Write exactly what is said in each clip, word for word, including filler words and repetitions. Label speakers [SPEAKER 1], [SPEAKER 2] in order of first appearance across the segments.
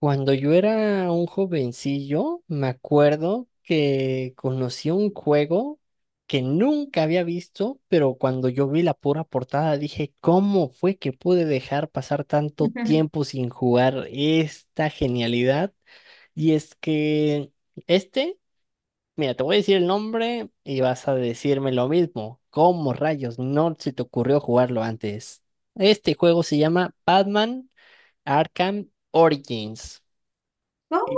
[SPEAKER 1] Cuando yo era un jovencillo, me acuerdo que conocí un juego que nunca había visto, pero cuando yo vi la pura portada dije, ¿cómo fue que pude dejar pasar tanto tiempo sin jugar esta genialidad? Y es que este, mira, te voy a decir el nombre y vas a decirme lo mismo. ¿Cómo rayos no se te ocurrió jugarlo antes? Este juego se llama Batman Arkham Origins.
[SPEAKER 2] ¿Cómo?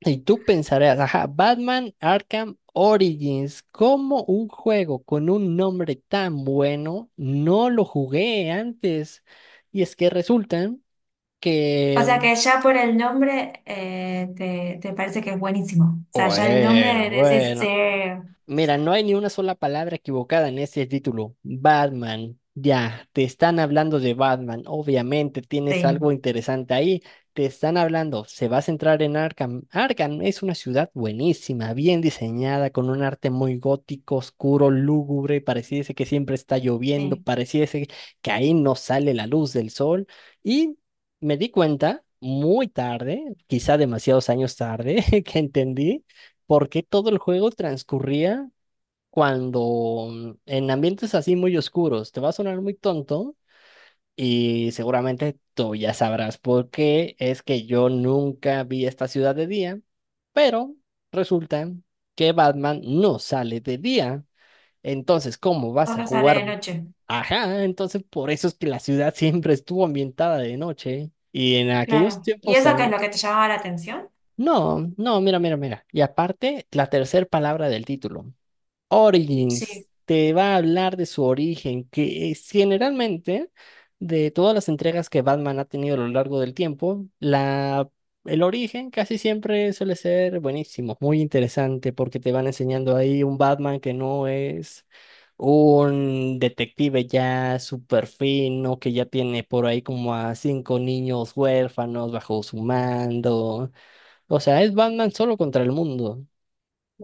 [SPEAKER 1] Y tú pensarás, ajá, Batman Arkham Origins, ¿cómo un juego con un nombre tan bueno no lo jugué antes? Y es que resulta
[SPEAKER 2] O sea
[SPEAKER 1] que,
[SPEAKER 2] que ya por el nombre eh, te, te parece que es buenísimo. O sea, ya el nombre
[SPEAKER 1] bueno,
[SPEAKER 2] de ese
[SPEAKER 1] bueno,
[SPEAKER 2] ser,
[SPEAKER 1] mira, no hay ni una sola palabra equivocada en ese título. Batman, ya, te están hablando de Batman. Obviamente tienes
[SPEAKER 2] sí,
[SPEAKER 1] algo interesante ahí. Te están hablando, se va a centrar en Arkham. Arkham es una ciudad buenísima, bien diseñada, con un arte muy gótico, oscuro, lúgubre. Pareciese que siempre está lloviendo,
[SPEAKER 2] sí,
[SPEAKER 1] pareciese que ahí no sale la luz del sol. Y me di cuenta muy tarde, quizá demasiados años tarde, que entendí por qué todo el juego transcurría cuando mm, en ambientes así muy oscuros te va a sonar muy tonto y seguramente tú ya sabrás por qué es que yo nunca vi esta ciudad de día, pero resulta que Batman no sale de día. Entonces, ¿cómo vas a
[SPEAKER 2] solo sale
[SPEAKER 1] jugar?
[SPEAKER 2] de noche.
[SPEAKER 1] Ajá, entonces por eso es que la ciudad siempre estuvo ambientada de noche y en aquellos
[SPEAKER 2] Claro. ¿Y
[SPEAKER 1] tiempos...
[SPEAKER 2] eso qué es
[SPEAKER 1] am-
[SPEAKER 2] lo que te llamaba la atención?
[SPEAKER 1] No, no, mira, mira, mira. Y aparte, la tercera palabra del título.
[SPEAKER 2] Sí,
[SPEAKER 1] Origins te va a hablar de su origen, que es generalmente de todas las entregas que Batman ha tenido a lo largo del tiempo, la, el origen casi siempre suele ser buenísimo, muy interesante, porque te van enseñando ahí un Batman que no es un detective ya súper fino, que ya tiene por ahí como a cinco niños huérfanos bajo su mando. O sea, es Batman solo contra el mundo.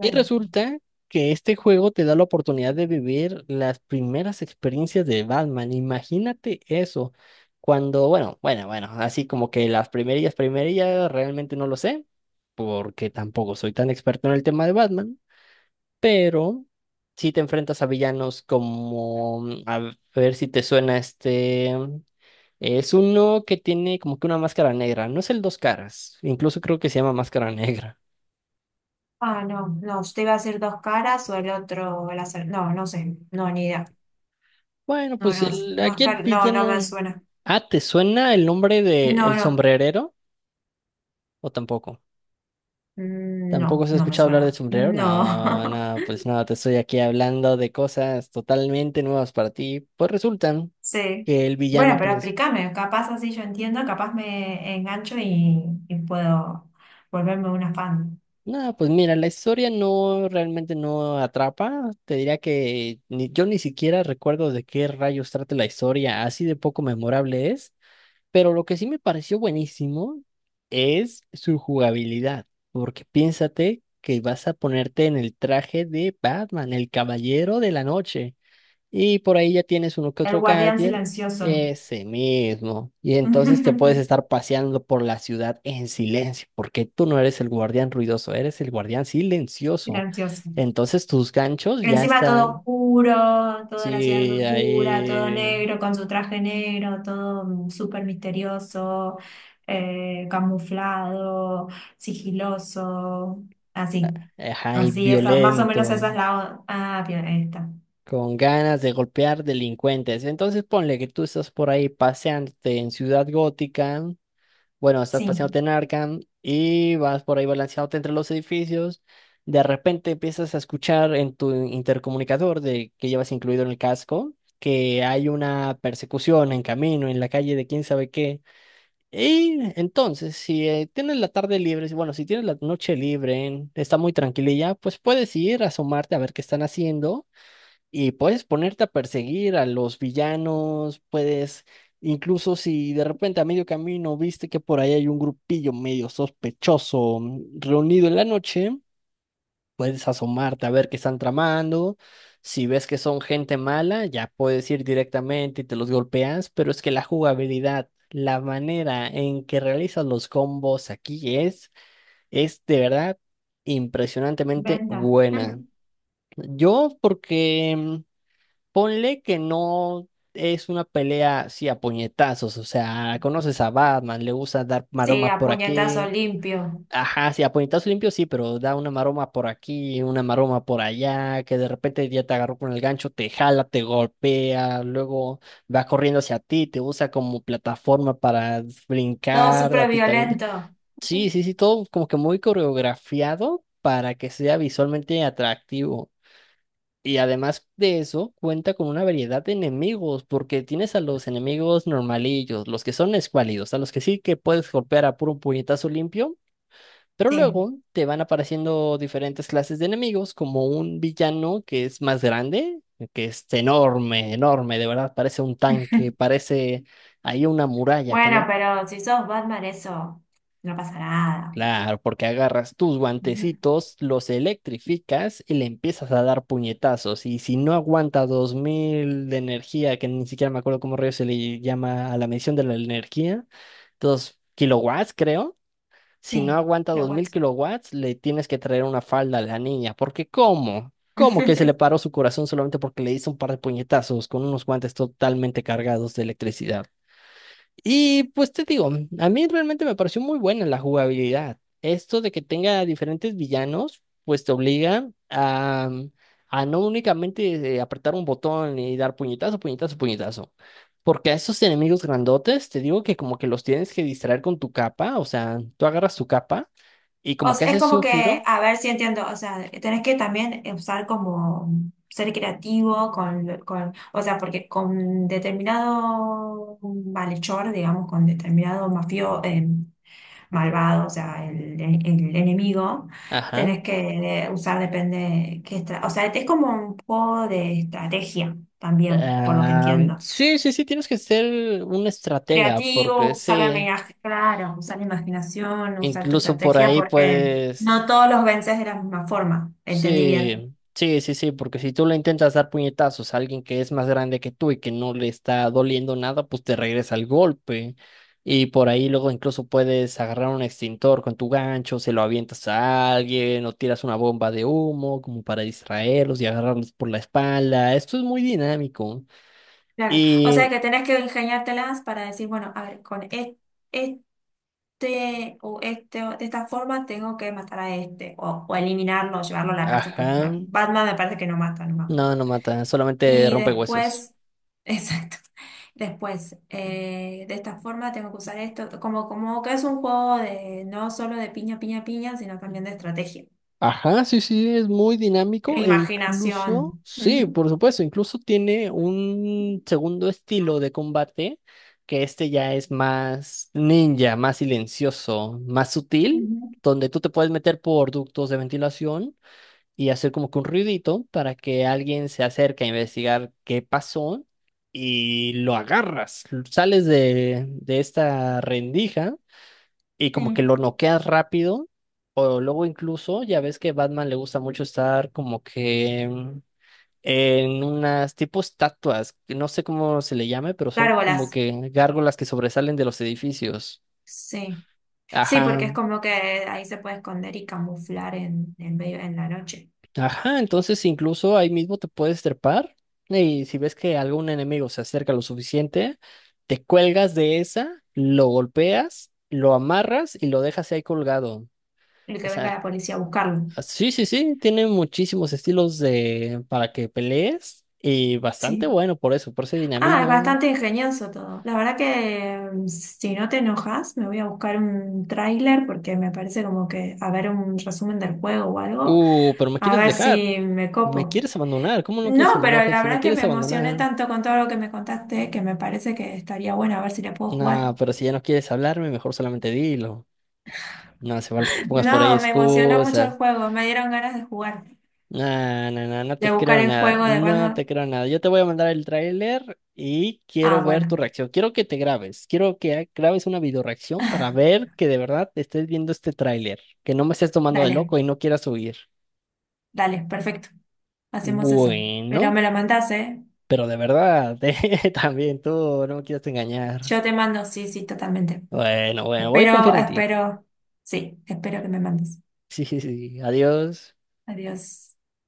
[SPEAKER 1] Y resulta que este juego te da la oportunidad de vivir las primeras experiencias de Batman. Imagínate eso. Cuando, bueno, bueno, bueno, así como que las primerillas, primerillas, realmente no lo sé, porque tampoco soy tan experto en el tema de Batman, pero si te enfrentas a villanos como, mm, a ver si te suena este, mm, es uno que tiene como que una máscara negra, no es el Dos Caras, incluso creo que se llama Máscara Negra.
[SPEAKER 2] Ah, no, no, usted iba a decir dos caras o el otro, la ser- No, no sé, no, ni idea.
[SPEAKER 1] Bueno,
[SPEAKER 2] No,
[SPEAKER 1] pues
[SPEAKER 2] no,
[SPEAKER 1] el,
[SPEAKER 2] más
[SPEAKER 1] aquí el
[SPEAKER 2] car- no, no me
[SPEAKER 1] villano.
[SPEAKER 2] suena.
[SPEAKER 1] Ah, ¿te suena el nombre de
[SPEAKER 2] No,
[SPEAKER 1] El
[SPEAKER 2] no,
[SPEAKER 1] Sombrerero? ¿O tampoco?
[SPEAKER 2] Mm,
[SPEAKER 1] ¿Tampoco
[SPEAKER 2] no,
[SPEAKER 1] se ha
[SPEAKER 2] no me
[SPEAKER 1] escuchado hablar del
[SPEAKER 2] suena.
[SPEAKER 1] sombrero? No,
[SPEAKER 2] No.
[SPEAKER 1] no, pues no, te estoy aquí hablando de cosas totalmente nuevas para ti. Pues resultan
[SPEAKER 2] Sí.
[SPEAKER 1] que el
[SPEAKER 2] Bueno,
[SPEAKER 1] villano
[SPEAKER 2] pero
[SPEAKER 1] principal.
[SPEAKER 2] explícame, capaz así yo entiendo, capaz me engancho y, y puedo volverme una fan.
[SPEAKER 1] No, pues mira, la historia no realmente no atrapa. Te diría que ni- yo ni siquiera recuerdo de qué rayos trata la historia, así de poco memorable es. Pero lo que sí me pareció buenísimo es su jugabilidad, porque piénsate que vas a ponerte en el traje de Batman, el Caballero de la Noche, y por ahí ya tienes uno que
[SPEAKER 2] El
[SPEAKER 1] otro
[SPEAKER 2] guardián
[SPEAKER 1] gadget,
[SPEAKER 2] silencioso.
[SPEAKER 1] ese mismo, y entonces te puedes estar paseando por la ciudad en silencio, porque tú no eres el guardián ruidoso, eres el guardián silencioso.
[SPEAKER 2] Silencioso.
[SPEAKER 1] Entonces tus ganchos ya
[SPEAKER 2] Encima todo
[SPEAKER 1] están,
[SPEAKER 2] oscuro, toda la ciudad
[SPEAKER 1] sí,
[SPEAKER 2] oscura, todo
[SPEAKER 1] ahí,
[SPEAKER 2] negro, con su traje negro, todo mm, súper misterioso, eh, camuflado, sigiloso, así.
[SPEAKER 1] ajá, y
[SPEAKER 2] Así, esa, más o menos
[SPEAKER 1] violento.
[SPEAKER 2] esa es la... o- Ah, bien, ahí está.
[SPEAKER 1] Con ganas de golpear delincuentes. Entonces ponle que tú estás por ahí paseándote en Ciudad Gótica, bueno, estás
[SPEAKER 2] Sí,
[SPEAKER 1] paseándote en Arkham y vas por ahí balanceándote entre los edificios. De repente empiezas a escuchar en tu intercomunicador de que llevas incluido en el casco que hay una persecución en camino, en la calle de quién sabe qué. Y entonces, si eh, tienes la tarde libre, si- bueno, si tienes la noche libre, está muy tranquililla, pues puedes ir a asomarte a ver qué están haciendo y puedes ponerte a perseguir a los villanos, puedes, incluso si de repente a medio camino viste que por ahí hay un grupillo medio sospechoso mm, reunido en la noche, puedes asomarte a ver qué están tramando. Si ves que son gente mala, ya puedes ir directamente y te los golpeas, pero es que la jugabilidad, la manera en que realizas los combos aquí es, es de verdad impresionantemente
[SPEAKER 2] venda.
[SPEAKER 1] buena. Yo porque... Ponle que no es una pelea así a puñetazos, o sea, conoces a Batman, le gusta dar
[SPEAKER 2] Sí,
[SPEAKER 1] maromas
[SPEAKER 2] a
[SPEAKER 1] por
[SPEAKER 2] puñetazo
[SPEAKER 1] aquí.
[SPEAKER 2] limpio.
[SPEAKER 1] Ajá, sí, a puñetazos limpios sí, pero da una maroma por aquí, una maroma por allá, que de repente ya te agarró con el gancho, te jala, te golpea, luego va corriendo hacia ti, te usa como plataforma para
[SPEAKER 2] Todo
[SPEAKER 1] brincar,
[SPEAKER 2] súper
[SPEAKER 1] a ti también.
[SPEAKER 2] violento.
[SPEAKER 1] Sí, sí, sí, todo como que muy coreografiado para que sea visualmente atractivo. Y además de eso, cuenta con una variedad de enemigos, porque tienes a los enemigos normalillos, los que son escuálidos, a los que sí que puedes golpear a puro puñetazo limpio, pero
[SPEAKER 2] Sí.
[SPEAKER 1] luego te van apareciendo diferentes clases de enemigos, como un villano que es más grande, que es enorme, enorme, de verdad, parece un tanque, parece ahí una muralla que
[SPEAKER 2] Bueno,
[SPEAKER 1] no.
[SPEAKER 2] pero si sos Batman, eso no pasa nada.
[SPEAKER 1] Claro, porque agarras tus
[SPEAKER 2] Ujú.
[SPEAKER 1] guantecitos, los electrificas y le empiezas a dar puñetazos. Y si no aguanta dos mil de energía, que ni siquiera me acuerdo cómo rayos se le llama a la medición de la energía, dos kilowatts, creo. Si no
[SPEAKER 2] Sí,
[SPEAKER 1] aguanta
[SPEAKER 2] lo
[SPEAKER 1] dos mil
[SPEAKER 2] guacho.
[SPEAKER 1] kilowatts, le tienes que traer una falda a la niña. Porque, ¿cómo? ¿Cómo que se le paró su corazón solamente porque le hizo un par de puñetazos con unos guantes totalmente cargados de electricidad? Y pues te digo, a mí realmente me pareció muy buena la jugabilidad. Esto de que tenga diferentes villanos, pues te obliga a, a no únicamente eh, apretar un botón y dar puñetazo, puñetazo, puñetazo. Porque a esos enemigos grandotes, te digo que como que los tienes que distraer con tu capa, o sea, tú agarras tu capa y
[SPEAKER 2] O
[SPEAKER 1] como que
[SPEAKER 2] sea, es
[SPEAKER 1] haces
[SPEAKER 2] como
[SPEAKER 1] un giro.
[SPEAKER 2] que, a ver si entiendo, o sea, tenés que también usar como ser creativo con, con, o sea, porque con determinado malhechor, digamos, con determinado mafio, eh, malvado, o sea, el, el enemigo,
[SPEAKER 1] Ajá.
[SPEAKER 2] tenés que usar, depende qué estra- o sea, es como un juego de estrategia también, por lo que
[SPEAKER 1] Ah,
[SPEAKER 2] entiendo
[SPEAKER 1] sí, sí, sí, tienes que ser un estratega, porque
[SPEAKER 2] creativo, usar la
[SPEAKER 1] ese,
[SPEAKER 2] imaginación, claro, usar la imaginación, usar tu
[SPEAKER 1] incluso por
[SPEAKER 2] estrategia,
[SPEAKER 1] ahí
[SPEAKER 2] porque no
[SPEAKER 1] puedes.
[SPEAKER 2] todos los vences de la misma forma, entendí bien.
[SPEAKER 1] Sí, sí, sí, sí, porque si tú le intentas dar puñetazos a alguien que es más grande que tú y que no le está doliendo nada, pues te regresa el golpe. Y por ahí luego incluso puedes agarrar un extintor con tu gancho, se lo avientas a alguien o tiras una bomba de humo como para distraerlos y agarrarlos por la espalda. Esto es muy dinámico.
[SPEAKER 2] Claro, o
[SPEAKER 1] Y,
[SPEAKER 2] sea que tenés que ingeniártelas para decir, bueno, a ver, con es- este o este o de esta forma tengo que matar a este, o, o eliminarlo, llevarlo a la cárcel, porque
[SPEAKER 1] ajá,
[SPEAKER 2] me- Batman me parece que no mata, no me acuerdo.
[SPEAKER 1] no, no mata, solamente
[SPEAKER 2] Y
[SPEAKER 1] rompe huesos.
[SPEAKER 2] después, exacto, después, eh, de esta forma tengo que usar esto, como, como que es un juego de no solo de piña, piña, piña, sino también de estrategia,
[SPEAKER 1] Ajá, sí, sí, es muy
[SPEAKER 2] e
[SPEAKER 1] dinámico e
[SPEAKER 2] imaginación.
[SPEAKER 1] incluso, sí,
[SPEAKER 2] Ujú,
[SPEAKER 1] por supuesto, incluso tiene un segundo estilo de combate que este ya es más ninja, más silencioso, más sutil,
[SPEAKER 2] ujú,
[SPEAKER 1] donde tú te puedes meter por ductos de ventilación y hacer como que un ruidito para que alguien se acerque a investigar qué pasó y lo agarras, sales de, de esta rendija y como que
[SPEAKER 2] sí.
[SPEAKER 1] lo noqueas rápido, o luego incluso, ya ves que Batman le gusta mucho estar como que mm, en unas tipo estatuas, que no sé cómo se le llame, pero son como
[SPEAKER 2] Gárgolas,
[SPEAKER 1] que gárgolas que sobresalen de los edificios.
[SPEAKER 2] sí. Sí,
[SPEAKER 1] Ajá,
[SPEAKER 2] porque es como que ahí se puede esconder y camuflar en, en medio, en la noche,
[SPEAKER 1] ajá, entonces incluso ahí mismo te puedes trepar y si ves que algún enemigo se acerca lo suficiente, te cuelgas de esa, lo golpeas, lo amarras y lo dejas ahí colgado.
[SPEAKER 2] el
[SPEAKER 1] O
[SPEAKER 2] que venga
[SPEAKER 1] sea,
[SPEAKER 2] la policía a buscarlo.
[SPEAKER 1] ah, sí, sí, sí, tiene muchísimos estilos de para que pelees y bastante
[SPEAKER 2] Sí.
[SPEAKER 1] bueno por eso, por ese
[SPEAKER 2] Ah, es
[SPEAKER 1] dinamismo.
[SPEAKER 2] bastante ingenioso todo. La verdad que, mm, si no te enojas, me voy a buscar un tráiler porque me parece como que a ver un resumen del juego o algo,
[SPEAKER 1] Uh, pero me
[SPEAKER 2] a
[SPEAKER 1] quieres
[SPEAKER 2] ver
[SPEAKER 1] dejar,
[SPEAKER 2] si me
[SPEAKER 1] me
[SPEAKER 2] copo.
[SPEAKER 1] quieres abandonar, ¿cómo no quieres que
[SPEAKER 2] No,
[SPEAKER 1] me
[SPEAKER 2] pero
[SPEAKER 1] enoje?
[SPEAKER 2] la
[SPEAKER 1] Si me
[SPEAKER 2] verdad que me
[SPEAKER 1] quieres
[SPEAKER 2] emocioné
[SPEAKER 1] abandonar,
[SPEAKER 2] tanto con todo lo que me contaste que me parece que estaría bueno a ver si le puedo jugar.
[SPEAKER 1] nah, pero si ya no quieres hablarme, mejor solamente dilo. No hace falta que pongas por ahí
[SPEAKER 2] No, me emocionó mucho el
[SPEAKER 1] excusas.
[SPEAKER 2] juego, me dieron ganas de jugar,
[SPEAKER 1] No, no, no, no
[SPEAKER 2] de
[SPEAKER 1] te
[SPEAKER 2] buscar
[SPEAKER 1] creo
[SPEAKER 2] el
[SPEAKER 1] nada,
[SPEAKER 2] juego de
[SPEAKER 1] no te
[SPEAKER 2] Batman.
[SPEAKER 1] creo nada. Yo te voy a mandar el tráiler y
[SPEAKER 2] Ah,
[SPEAKER 1] quiero ver tu
[SPEAKER 2] bueno.
[SPEAKER 1] reacción. Quiero que te grabes, quiero que ha- grabes una videoreacción para ver que de verdad estés viendo este tráiler, que no me estés tomando de
[SPEAKER 2] Dale,
[SPEAKER 1] loco y no quieras huir.
[SPEAKER 2] dale, perfecto. Hacemos eso. Pero
[SPEAKER 1] Bueno,
[SPEAKER 2] me lo mandás, ¿eh?
[SPEAKER 1] pero de verdad, eh, también tú no me quieras engañar.
[SPEAKER 2] Yo te mando, sí, sí, totalmente.
[SPEAKER 1] Bueno, bueno, voy a
[SPEAKER 2] Espero,
[SPEAKER 1] confiar en ti.
[SPEAKER 2] espero, sí, espero que me mandes.
[SPEAKER 1] Sí, sí, sí, adiós.
[SPEAKER 2] Adiós.